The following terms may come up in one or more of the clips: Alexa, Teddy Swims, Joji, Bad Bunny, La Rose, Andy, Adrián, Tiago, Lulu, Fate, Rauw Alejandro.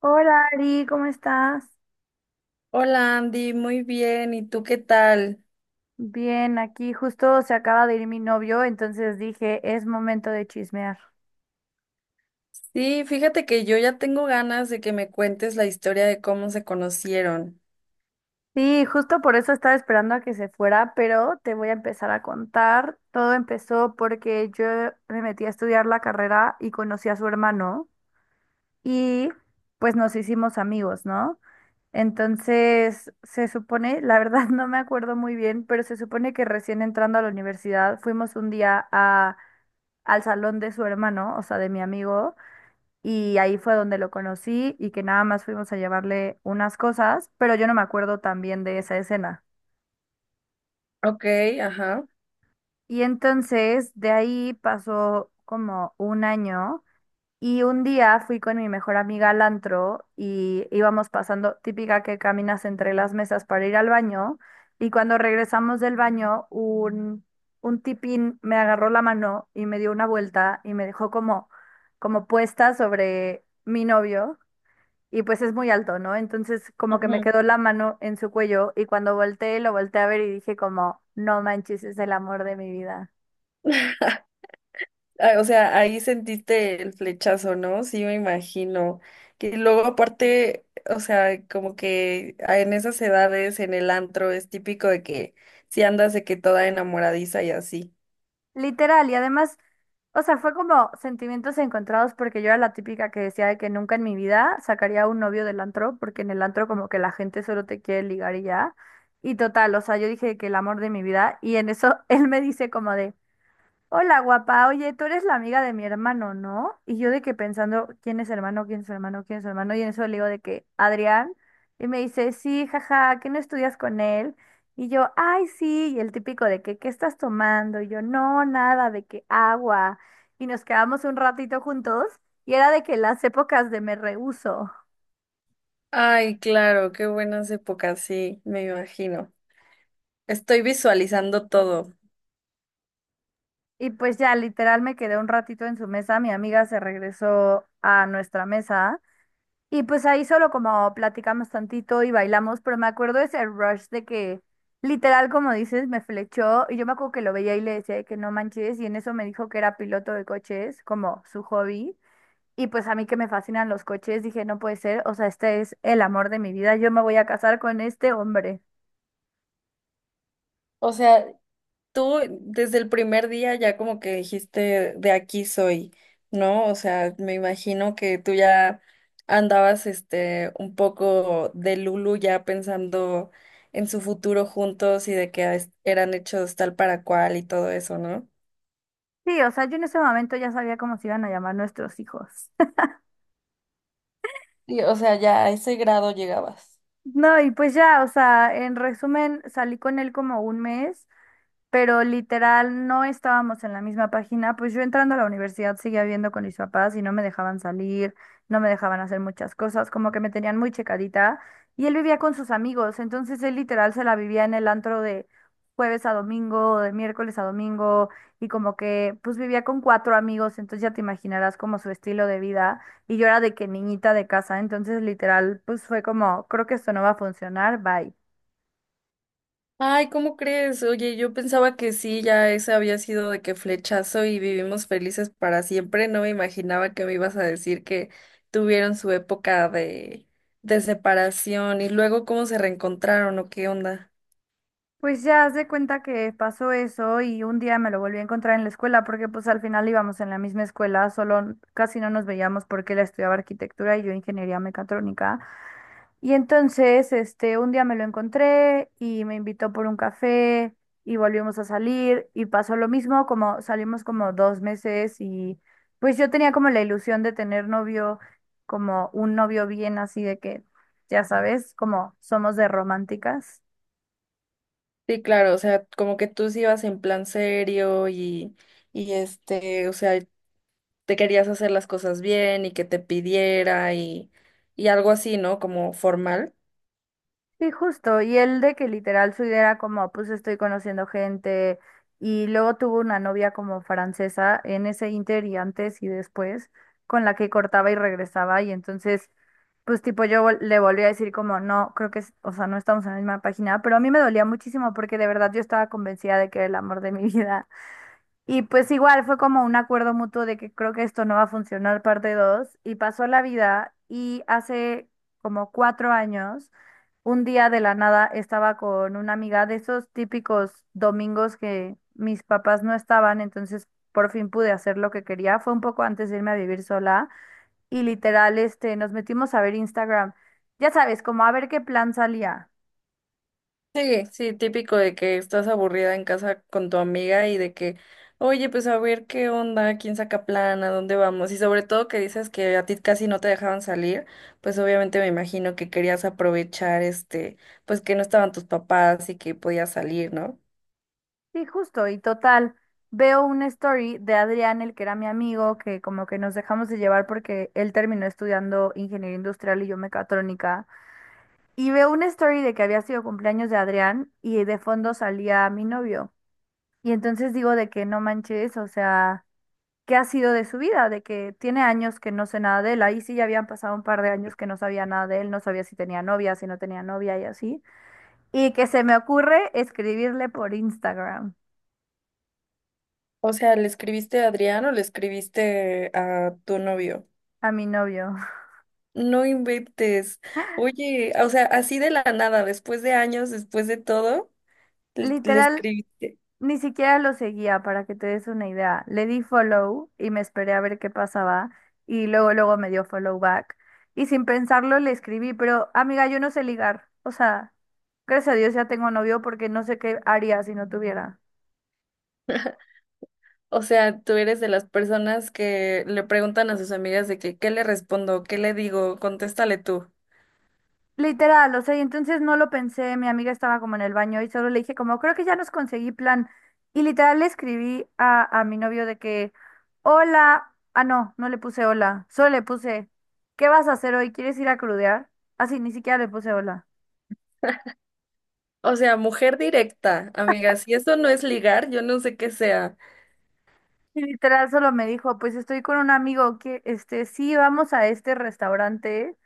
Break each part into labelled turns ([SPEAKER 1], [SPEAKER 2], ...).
[SPEAKER 1] Hola Ari, ¿cómo estás?
[SPEAKER 2] Hola Andy, muy bien. ¿Y tú qué tal?
[SPEAKER 1] Bien, aquí justo se acaba de ir mi novio, entonces dije, es momento de chismear.
[SPEAKER 2] Sí, fíjate que yo ya tengo ganas de que me cuentes la historia de cómo se conocieron.
[SPEAKER 1] Sí, justo por eso estaba esperando a que se fuera, pero te voy a empezar a contar. Todo empezó porque yo me metí a estudiar la carrera y conocí a su hermano y pues nos hicimos amigos, ¿no? Entonces, se supone, la verdad no me acuerdo muy bien, pero se supone que recién entrando a la universidad fuimos un día al salón de su hermano, o sea, de mi amigo, y ahí fue donde lo conocí y que nada más fuimos a llevarle unas cosas, pero yo no me acuerdo tan bien de esa escena.
[SPEAKER 2] Ok, ajá.
[SPEAKER 1] Y entonces, de ahí pasó como un año. Y un día fui con mi mejor amiga al antro y íbamos pasando, típica que caminas entre las mesas para ir al baño. Y cuando regresamos del baño, un tipín me agarró la mano y me dio una vuelta y me dejó como, como puesta sobre mi novio. Y pues es muy alto, ¿no? Entonces como que me
[SPEAKER 2] Ujú.
[SPEAKER 1] quedó la mano en su cuello y cuando volteé, lo volteé a ver y dije como, no manches, es el amor de mi vida.
[SPEAKER 2] Ah, o sea, ahí sentiste el flechazo, ¿no? Sí, me imagino. Que luego aparte, o sea, como que en esas edades, en el antro, es típico de que si andas de que toda enamoradiza y así.
[SPEAKER 1] Literal, y además, o sea, fue como sentimientos encontrados porque yo era la típica que decía de que nunca en mi vida sacaría un novio del antro, porque en el antro como que la gente solo te quiere ligar y ya. Y total, o sea, yo dije que el amor de mi vida, y en eso él me dice como de… Hola, guapa. Oye, tú eres la amiga de mi hermano, ¿no? Y yo de que pensando, ¿quién es su hermano? ¿Quién es su hermano? ¿Quién es su hermano? Y en eso le digo de que, Adrián. Y me dice, sí, jaja, ¿qué no estudias con él? Y yo, ay, sí. Y el típico de que, ¿qué estás tomando? Y yo, no, nada, de que agua. Y nos quedamos un ratito juntos. Y era de que las épocas de me rehuso.
[SPEAKER 2] Ay, claro, qué buenas épocas, sí, me imagino. Estoy visualizando todo.
[SPEAKER 1] Y pues ya, literal, me quedé un ratito en su mesa. Mi amiga se regresó a nuestra mesa. Y pues ahí solo como platicamos tantito y bailamos, pero me acuerdo de ese rush de que literal, como dices, me flechó y yo me acuerdo que lo veía y le decía de que no manches y en eso me dijo que era piloto de coches, como su hobby. Y pues a mí que me fascinan los coches, dije, no puede ser, o sea, este es el amor de mi vida, yo me voy a casar con este hombre.
[SPEAKER 2] O sea, tú desde el primer día ya como que dijiste de aquí soy, ¿no? O sea, me imagino que tú ya andabas un poco de Lulu ya pensando en su futuro juntos y de que ah, eran hechos tal para cual y todo eso, ¿no?
[SPEAKER 1] Sí, o sea, yo en ese momento ya sabía cómo se iban a llamar nuestros hijos.
[SPEAKER 2] Sí, o sea, ya a ese grado llegabas.
[SPEAKER 1] No, y pues ya, o sea, en resumen, salí con él como un mes, pero literal no estábamos en la misma página, pues yo entrando a la universidad seguía viviendo con mis papás y no me dejaban salir, no me dejaban hacer muchas cosas, como que me tenían muy checadita y él vivía con sus amigos, entonces él literal se la vivía en el antro de jueves a domingo, de miércoles a domingo y como que pues vivía con cuatro amigos, entonces ya te imaginarás como su estilo de vida y yo era de que niñita de casa, entonces literal pues fue como, creo que esto no va a funcionar, bye.
[SPEAKER 2] Ay, ¿cómo crees? Oye, yo pensaba que sí, ya ese había sido de que flechazo y vivimos felices para siempre. No me imaginaba que me ibas a decir que tuvieron su época de separación y luego cómo se reencontraron o qué onda.
[SPEAKER 1] Pues ya haz de cuenta que pasó eso y un día me lo volví a encontrar en la escuela porque pues al final íbamos en la misma escuela, casi no nos veíamos porque él estudiaba arquitectura y yo ingeniería mecatrónica. Y entonces, este, un día me lo encontré y me invitó por un café y volvimos a salir y pasó lo mismo, como salimos como 2 meses y pues yo tenía como la ilusión de tener novio, como un novio bien así de que, ya sabes, como somos de románticas.
[SPEAKER 2] Sí, claro, o sea, como que tú sí ibas en plan serio y este, o sea, te querías hacer las cosas bien y que te pidiera y algo así, ¿no? Como formal.
[SPEAKER 1] Sí, justo. Y él de que literal su idea era como, pues estoy conociendo gente. Y luego tuvo una novia como francesa en ese inter y antes y después, con la que cortaba y regresaba. Y entonces, pues tipo le volví a decir como, no, creo que, o sea, no estamos en la misma página. Pero a mí me dolía muchísimo porque de verdad yo estaba convencida de que era el amor de mi vida. Y pues igual fue como un acuerdo mutuo de que creo que esto no va a funcionar parte 2 y pasó la vida y hace como 4 años, un día de la nada estaba con una amiga de esos típicos domingos que mis papás no estaban, entonces por fin pude hacer lo que quería. Fue un poco antes de irme a vivir sola y literal, este, nos metimos a ver Instagram. Ya sabes, como a ver qué plan salía.
[SPEAKER 2] Sí, sí, típico de que estás aburrida en casa con tu amiga y de que, oye, pues a ver qué onda, quién saca plan, a dónde vamos. Y sobre todo que dices que a ti casi no te dejaban salir, pues obviamente me imagino que querías aprovechar este, pues que no estaban tus papás y que podías salir, ¿no?
[SPEAKER 1] Sí, justo, y total, veo una story de Adrián, el que era mi amigo, que como que nos dejamos de llevar porque él terminó estudiando ingeniería industrial y yo mecatrónica, y veo una story de que había sido cumpleaños de Adrián y de fondo salía mi novio. Y entonces digo de que no manches, o sea, ¿qué ha sido de su vida? De que tiene años que no sé nada de él, ahí sí ya habían pasado un par de años que no sabía nada de él, no sabía si tenía novia, si no tenía novia y así, y que se me ocurre escribirle por Instagram
[SPEAKER 2] O sea, ¿le escribiste a Adrián o le escribiste a tu novio?
[SPEAKER 1] a mi novio.
[SPEAKER 2] No inventes. Oye, o sea, así de la nada, después de años, después de todo, le
[SPEAKER 1] Literal,
[SPEAKER 2] escribiste.
[SPEAKER 1] ni siquiera lo seguía para que te des una idea. Le di follow y me esperé a ver qué pasaba y luego luego me dio follow back y sin pensarlo le escribí, pero amiga, yo no sé ligar. O sea, gracias a Dios ya tengo novio porque no sé qué haría si no tuviera.
[SPEAKER 2] O sea, tú eres de las personas que le preguntan a sus amigas de que, ¿qué le respondo? ¿Qué le digo? Contéstale tú.
[SPEAKER 1] Literal, o sea, y entonces no lo pensé, mi amiga estaba como en el baño y solo le dije como, creo que ya nos conseguí plan. Y literal le escribí a mi novio de que, hola, ah, no, no le puse hola, solo le puse, ¿qué vas a hacer hoy? ¿Quieres ir a crudear? Así, ni siquiera le puse hola.
[SPEAKER 2] O sea, mujer directa, amigas. Si eso no es ligar, yo no sé qué sea.
[SPEAKER 1] Y literal solo me dijo, pues estoy con un amigo que, este, sí, vamos a este restaurante.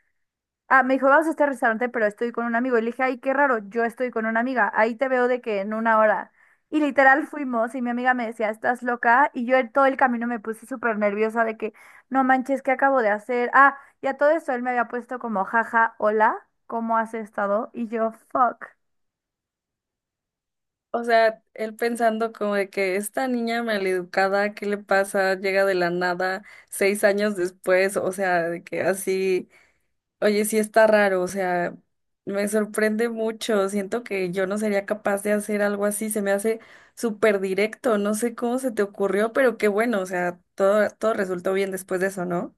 [SPEAKER 1] Ah, me dijo, vamos a este restaurante, pero estoy con un amigo. Y le dije, ay, qué raro, yo estoy con una amiga. Ahí te veo de que en una hora. Y literal fuimos y mi amiga me decía, estás loca. Y yo en todo el camino me puse súper nerviosa de que, no manches, ¿qué acabo de hacer? Ah, y a todo eso él me había puesto como, jaja, hola, ¿cómo has estado? Y yo, fuck.
[SPEAKER 2] O sea, él pensando como de que esta niña maleducada, ¿qué le pasa? Llega de la nada 6 años después, o sea, de que así. Oye, sí está raro, o sea, me sorprende mucho. Siento que yo no sería capaz de hacer algo así. Se me hace súper directo. No sé cómo se te ocurrió, pero qué bueno, o sea, todo, todo resultó bien después de eso, ¿no?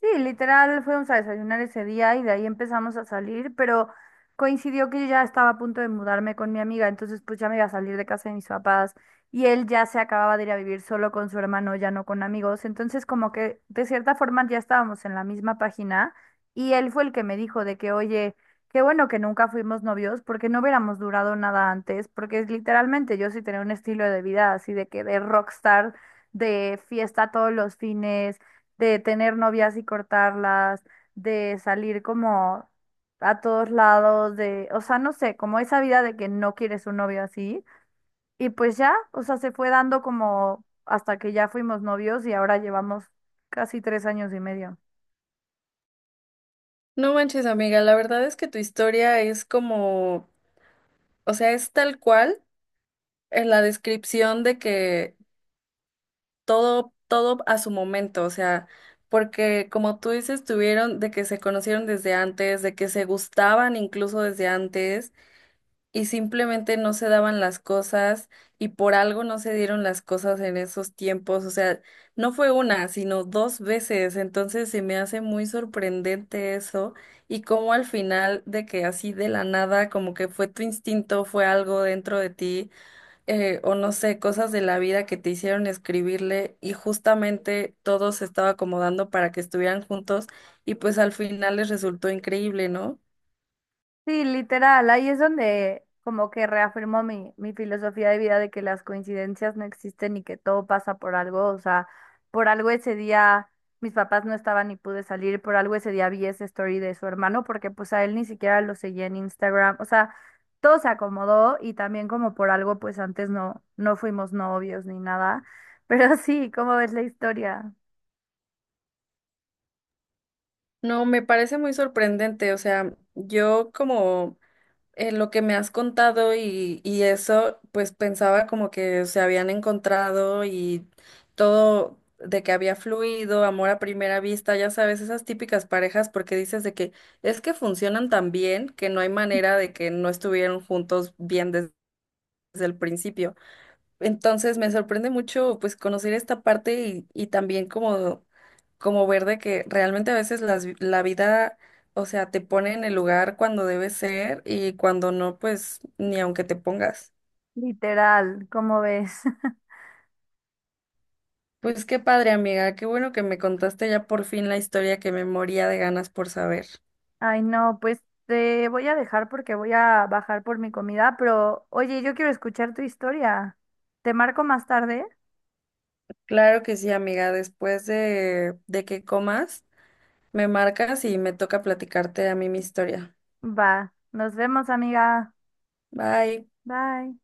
[SPEAKER 1] Sí, literal, fuimos a desayunar ese día y de ahí empezamos a salir, pero coincidió que yo ya estaba a punto de mudarme con mi amiga, entonces pues ya me iba a salir de casa de mis papás y él ya se acababa de ir a vivir solo con su hermano, ya no con amigos, entonces como que de cierta forma ya estábamos en la misma página y él fue el que me dijo de que, oye, qué bueno que nunca fuimos novios porque no hubiéramos durado nada antes, porque literalmente yo sí tenía un estilo de vida así de que de rockstar, de fiesta todos los fines de tener novias y cortarlas, de salir como a todos lados, de, o sea, no sé, como esa vida de que no quieres un novio así. Y pues ya, o sea, se fue dando como hasta que ya fuimos novios y ahora llevamos casi 3 años y medio.
[SPEAKER 2] No manches, amiga, la verdad es que tu historia es como, o sea, es tal cual en la descripción de que todo, todo a su momento, o sea, porque como tú dices, tuvieron de que se conocieron desde antes, de que se gustaban incluso desde antes y simplemente no se daban las cosas y por algo no se dieron las cosas en esos tiempos. O sea, no fue una, sino dos veces. Entonces se me hace muy sorprendente eso y cómo al final de que así de la nada, como que fue tu instinto, fue algo dentro de ti, o no sé, cosas de la vida que te hicieron escribirle y justamente todo se estaba acomodando para que estuvieran juntos y pues al final les resultó increíble, ¿no?
[SPEAKER 1] Sí, literal, ahí es donde como que reafirmo mi filosofía de vida de que las coincidencias no existen y que todo pasa por algo, o sea, por algo ese día mis papás no estaban y pude salir, por algo ese día vi esa story de su hermano porque pues a él ni siquiera lo seguía en Instagram, o sea, todo se acomodó y también como por algo pues antes no, no fuimos novios ni nada, pero sí, ¿cómo ves la historia?
[SPEAKER 2] No, me parece muy sorprendente. O sea, yo como en lo que me has contado y eso, pues pensaba como que se habían encontrado y todo de que había fluido, amor a primera vista, ya sabes, esas típicas parejas, porque dices de que es que funcionan tan bien que no hay manera de que no estuvieran juntos desde el principio. Entonces me sorprende mucho pues conocer esta parte y también como, como ver de que realmente a veces la vida, o sea, te pone en el lugar cuando debe ser y cuando no, pues ni aunque te pongas.
[SPEAKER 1] Literal, ¿cómo ves?
[SPEAKER 2] Pues qué padre, amiga, qué bueno que me contaste ya por fin la historia que me moría de ganas por saber.
[SPEAKER 1] Ay, no, pues te voy a dejar porque voy a bajar por mi comida, pero oye, yo quiero escuchar tu historia. ¿Te marco más tarde?
[SPEAKER 2] Claro que sí, amiga, después de que comas, me marcas y me toca platicarte a mí mi historia.
[SPEAKER 1] Va, nos vemos, amiga.
[SPEAKER 2] Bye.
[SPEAKER 1] Bye.